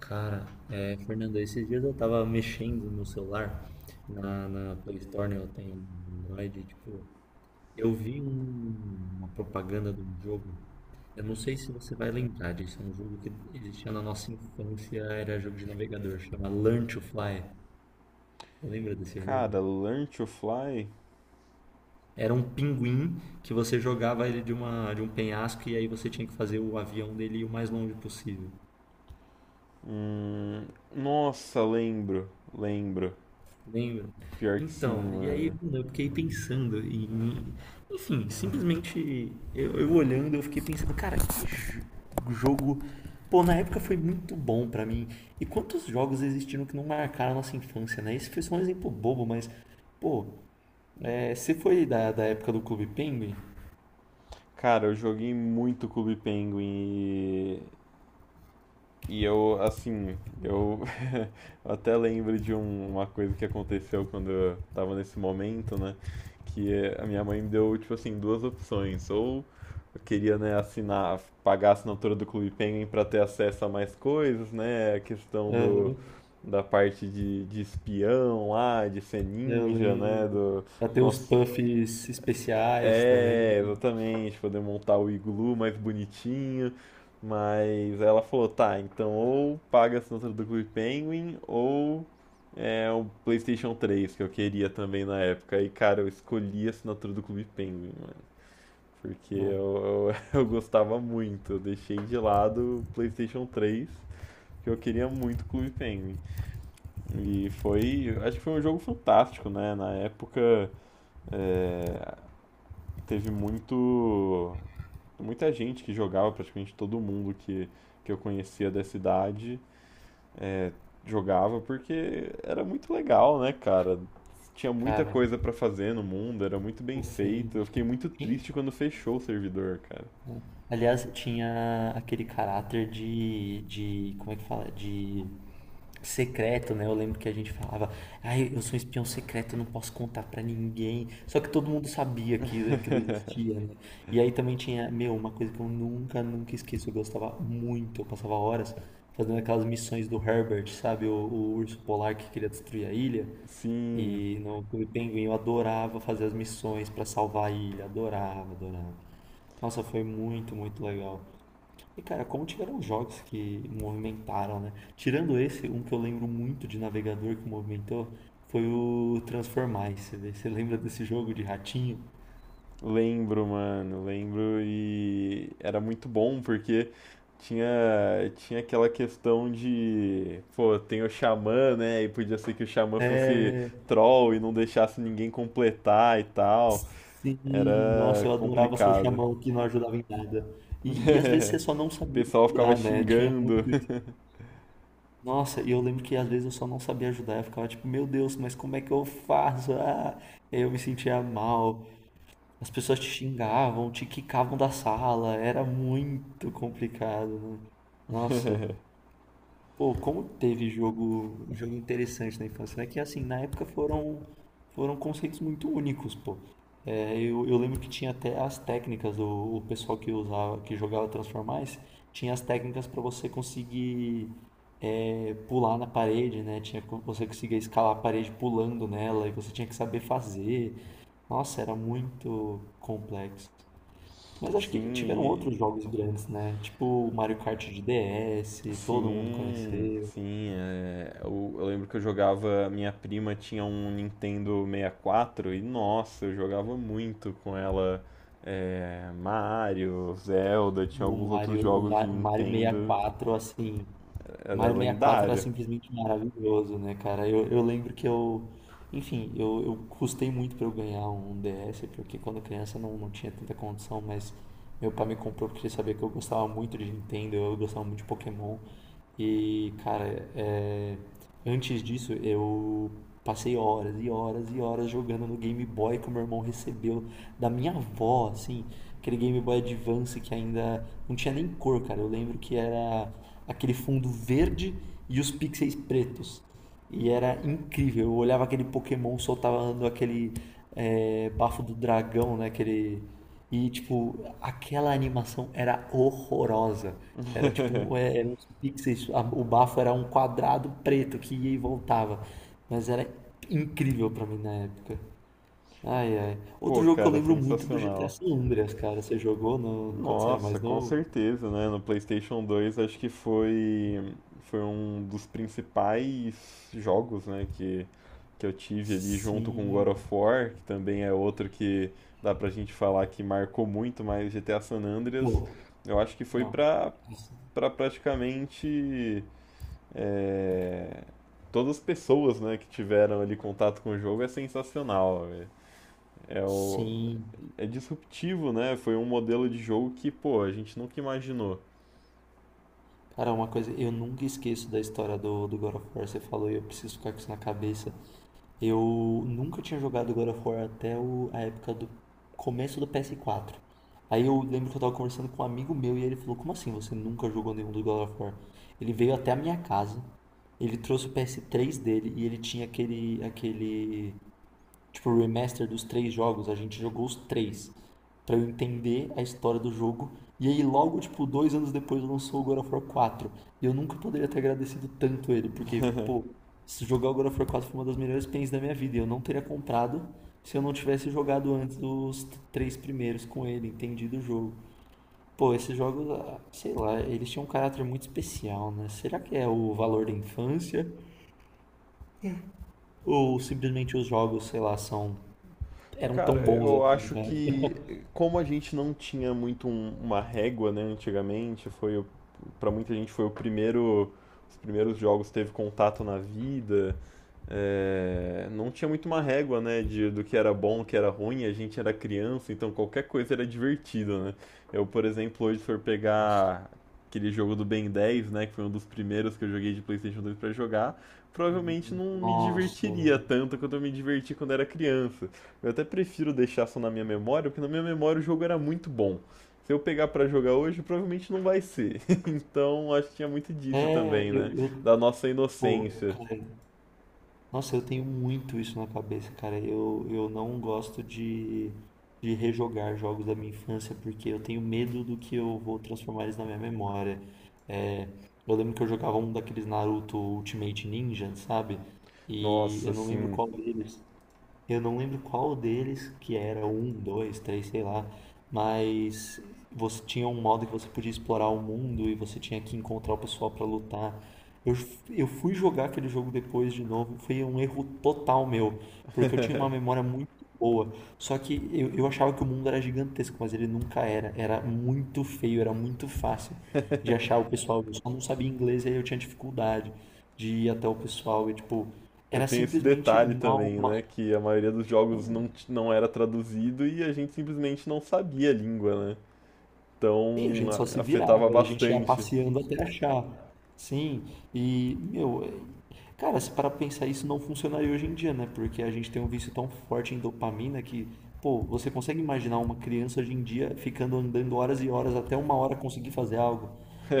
Cara, Fernando, esses dias eu tava mexendo no celular, na Play Store, né, eu tenho um Android, e, tipo, eu vi uma propaganda de um jogo, eu não sei se você vai lembrar disso, é um jogo que existia na nossa infância, era jogo de navegador, chama Learn to Fly, você lembra desse jogo? Cara, Learn to Fly? Era um pinguim que você jogava ele de uma, de um penhasco e aí você tinha que fazer o avião dele ir o mais longe possível. Hum, nossa, lembro, lembro. Lembro. Pior que sim, Então, e aí, mano. mano, eu fiquei pensando em. Enfim, simplesmente eu olhando, eu fiquei pensando, cara, que jogo. Pô, na época foi muito bom pra mim. E quantos jogos existiram que não marcaram a nossa infância, né? Esse foi só um exemplo bobo, mas. Pô, é, você foi da época do Clube Penguin? Cara, eu joguei muito Clube Penguin e eu eu até lembro de uma coisa que aconteceu quando eu tava nesse momento, né? A minha mãe me deu, tipo assim, duas opções. Ou eu queria, né, assinar, pagar a assinatura do Clube Penguin pra ter acesso a mais coisas, né? A questão Aham, da parte de espião lá, de ser eu ninja, né? lembro. Até os cons- puffs especiais também. Exatamente, poder montar o iglu mais bonitinho. Mas ela falou, tá, então ou paga a assinatura do Clube Penguin ou é o PlayStation 3 que eu queria também na época. E cara, eu escolhi a assinatura do Clube Penguin, mano, porque Ah, eu gostava muito. Eu deixei de lado o PlayStation 3, que eu queria muito o Clube Penguin. E foi, acho que foi um jogo fantástico, né? Na época teve muito muita gente que jogava, praticamente todo mundo que eu conhecia da cidade jogava porque era muito legal, né, cara? Tinha muita cara, coisa pra fazer no mundo, era muito bem pô, sim. feito. Eu fiquei muito triste quando fechou o servidor, cara. Aliás, tinha aquele caráter de, como é que fala? De secreto, né? Eu lembro que a gente falava, ai, eu sou um espião secreto, eu não posso contar pra ninguém. Só que todo mundo sabia que aquilo existia, né? E aí também tinha, meu, uma coisa que eu nunca, nunca esqueço, eu gostava muito, eu passava horas fazendo aquelas missões do Herbert, sabe? O urso polar que queria destruir a ilha. Sim. E no Clube Penguin eu adorava fazer as missões pra salvar a ilha, adorava, adorava. Nossa, foi muito, muito legal. E cara, como tiveram jogos que movimentaram, né? Tirando esse, um que eu lembro muito de navegador que movimentou foi o Transformice. Né? Você lembra desse jogo de ratinho? Lembro, mano, lembro e era muito bom porque tinha tinha aquela questão de, pô, tem o xamã, né? E podia ser que o xamã fosse É. troll e não deixasse ninguém completar e tal. Sim, Era nossa, eu adorava ser complicado. chamão que não ajudava em nada. E às vezes você só não O sabia pessoal ficava ajudar, né? Tinha xingando. muito isso. Nossa, e eu lembro que às vezes eu só não sabia ajudar. Eu ficava tipo, meu Deus, mas como é que eu faço? Ah, eu me sentia mal. As pessoas te xingavam, te quicavam da sala, era muito complicado, né? Nossa, pô, como teve jogo, jogo interessante na infância, né? Que assim, na época foram conceitos muito únicos, pô. É, eu lembro que tinha até as técnicas, o pessoal que usava, que jogava Transformice, tinha as técnicas para você conseguir pular na parede, né? Tinha você conseguia escalar a parede pulando nela e você tinha que saber fazer. Nossa, era muito complexo. Mas acho que tiveram Sim. outros jogos grandes, né? Tipo o Mario Kart de DS, todo mundo Sim, conheceu. sim. Eu, lembro que eu jogava. Minha prima tinha um Nintendo 64 e, quatro e, nossa, eu jogava muito com ela. Mario, Zelda, tinha O alguns outros Mario, jogos de Mario Nintendo. 64, assim, Era Mario sessenta e quatro era lendário. simplesmente maravilhoso, né, cara? Eu lembro que eu. Enfim, eu custei muito pra eu ganhar um DS, porque quando criança não, não tinha tanta condição, mas meu pai me comprou porque ele sabia que eu gostava muito de Nintendo, eu gostava muito de Pokémon. E, cara, é, antes disso eu passei horas e horas e horas jogando no Game Boy que o meu irmão recebeu da minha avó, assim, aquele Game Boy Advance que ainda não tinha nem cor, cara. Eu lembro que era aquele fundo verde e os pixels pretos. E era incrível. Eu olhava aquele Pokémon soltando aquele bafo do dragão, né? Aquele… E, tipo, aquela animação era horrorosa. Era tipo, um, é, eram uns pixels, o bafo era um quadrado preto que ia e voltava. Mas era incrível pra mim na época. Ai, ai. Pô, Outro jogo que eu cara, lembro muito é do GTA sensacional. San Andreas, cara. Você jogou no… quando você era Nossa, mais com novo? certeza, né? No PlayStation 2 acho que foi um dos principais jogos, né, que eu tive ali junto com God of Sim. War, que também é outro que dá pra gente falar que marcou muito, mas GTA San Andreas, Pô, eu acho que foi não. Pra praticamente é, todas as pessoas, né, que tiveram ali contato com o jogo, é sensacional, velho. É o, Sim. é disruptivo, né? Foi um modelo de jogo que, pô, a gente nunca imaginou. Cara, uma coisa, eu nunca esqueço da história do God of War. Você falou e eu preciso ficar com isso na cabeça. Eu nunca tinha jogado God of War até a época do começo do ps quatro. Aí eu lembro que eu tava conversando com um amigo meu e ele falou: como assim você nunca jogou nenhum do God of War? Ele veio até a minha casa, ele trouxe o ps três dele e ele tinha aquele tipo, o remaster dos três jogos, a gente jogou os três. Pra eu entender a história do jogo. E aí, logo, tipo, dois anos depois lançou o God of War quatro. E eu nunca poderia ter agradecido tanto ele, porque, pô, se jogar o God of War 4 foi uma das melhores pens da minha vida. E eu não teria comprado se eu não tivesse jogado antes os três primeiros com ele, entendido o jogo. Pô, esses jogos, ah, sei lá, eles tinham um caráter muito especial, né? Será que é o valor da infância? Ou simplesmente os jogos, sei lá, são. Eram tão Cara, bons eu assim, acho cara? que como a gente não tinha muito uma régua, né, antigamente, para muita gente foi os primeiros jogos que teve contato na vida, não tinha muito uma régua, né, de, do que era bom, o que era ruim, a gente era criança, então qualquer coisa era divertido, né? Eu, por exemplo, hoje se for Nossa, pegar aquele jogo do Ben 10, né, que foi um dos primeiros que eu joguei de PlayStation 2 pra jogar, provavelmente não me nossa, divertiria mano. tanto quanto eu me diverti quando era criança. Eu até prefiro deixar só na minha memória, porque na minha memória o jogo era muito bom. Se eu pegar pra jogar hoje, provavelmente não vai ser. Então, acho que tinha muito disso É, também, né? Da nossa pô, inocência. cara, nossa, eu tenho muito isso na cabeça, cara. Eu não gosto de rejogar jogos da minha infância porque eu tenho medo do que eu vou transformar eles na minha memória. É, eu lembro que eu jogava um daqueles Naruto Ultimate Ninja, sabe? E Nossa, eu não lembro assim, qual deles. Eu não lembro qual deles, que era um, dois, três, sei lá, mas você tinha um modo que você podia explorar o mundo e você tinha que encontrar o pessoal pra lutar. Eu, eu fui jogar aquele jogo depois de novo, foi um erro total meu, porque eu tinha uma memória muito boa, só que eu achava que o mundo era gigantesco, mas ele nunca era, era muito feio, era muito fácil de achar o pessoal, eu só não sabia inglês e aí eu tinha dificuldade de ir até o pessoal e tipo, eu era tenho esse simplesmente detalhe mal. também, né? Que a maioria dos jogos não era traduzido e a gente simplesmente não sabia a língua, né? Sim, a Então, gente só se virava, afetava a gente ia bastante. passeando até achar. Sim, e, meu, cara, se para pensar, isso não funcionaria hoje em dia, né? Porque a gente tem um vício tão forte em dopamina que, pô, você consegue imaginar uma criança hoje em dia ficando andando horas e horas até uma hora conseguir fazer algo?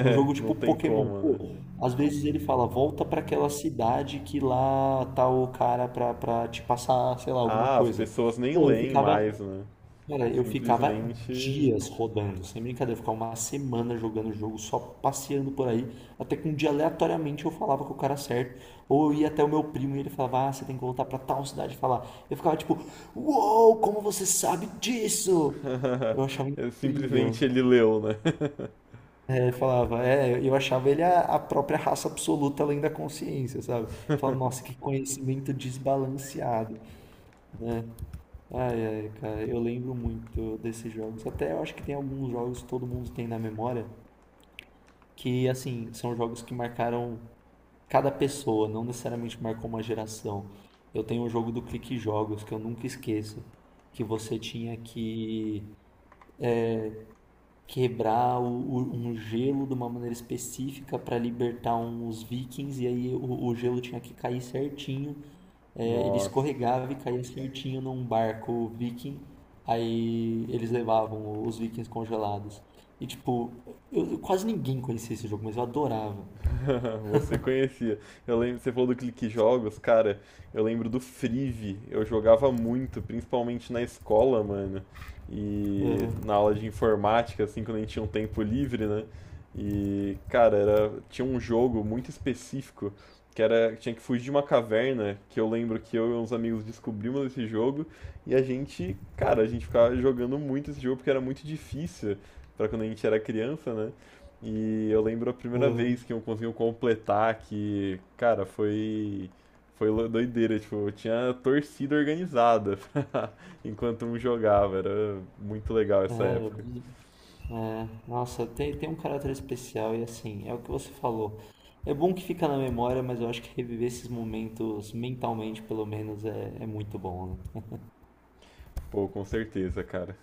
Num jogo não tipo tem Pokémon, como, pô, né? às vezes ele fala, volta pra aquela cidade que lá tá o cara pra te passar, sei lá, alguma Ah, as coisa. pessoas nem Pô, eu leem mais, ficava né? Cara, eu ficava Simplesmente dias rodando, sem brincadeira, eu ficava uma semana jogando o jogo, só passeando por aí, até que um dia aleatoriamente eu falava com o cara certo, ou eu ia até o meu primo e ele falava, ah, você tem que voltar pra tal cidade e falar. Eu ficava tipo, uou, como você sabe disso? Eu achava simplesmente incrível. ele leu, né? É, ele falava, é, eu achava ele a própria raça absoluta além da consciência, sabe? Falava, nossa, que conhecimento desbalanceado. Ai, ai, cara, eu lembro muito desses jogos. Até eu acho que tem alguns jogos que todo mundo tem na memória que, assim, são jogos que marcaram cada pessoa, não necessariamente marcou uma geração. Eu tenho um jogo do Clique Jogos que eu nunca esqueço, que você tinha que quebrar um gelo de uma maneira específica para libertar uns vikings, e aí o gelo tinha que cair certinho. É, ele Nossa. escorregava e caía certinho num barco viking, aí eles levavam os vikings congelados. E tipo, quase ninguém conhecia esse jogo, mas eu adorava. Você conhecia. Eu lembro, você falou do Clique Jogos, cara, eu lembro do Frive. Eu jogava muito, principalmente na escola, mano. E Aham, na aula de informática, assim, quando a gente tinha um tempo livre, né? E, cara, tinha um jogo muito específico que tinha que fugir de uma caverna, que eu lembro que eu e uns amigos descobrimos esse jogo e a gente ficava jogando muito esse jogo porque era muito difícil pra quando a gente era criança, né? E eu lembro a primeira vez aham, que eu consegui completar, que, cara, foi doideira, tipo, eu tinha torcida organizada pra- enquanto um jogava, era muito legal essa época. aham. É, nossa, tem, tem um caráter especial e assim, é o que você falou. É bom que fica na memória, mas eu acho que reviver esses momentos mentalmente, pelo menos, é, é muito bom, né? Pô, com certeza, cara.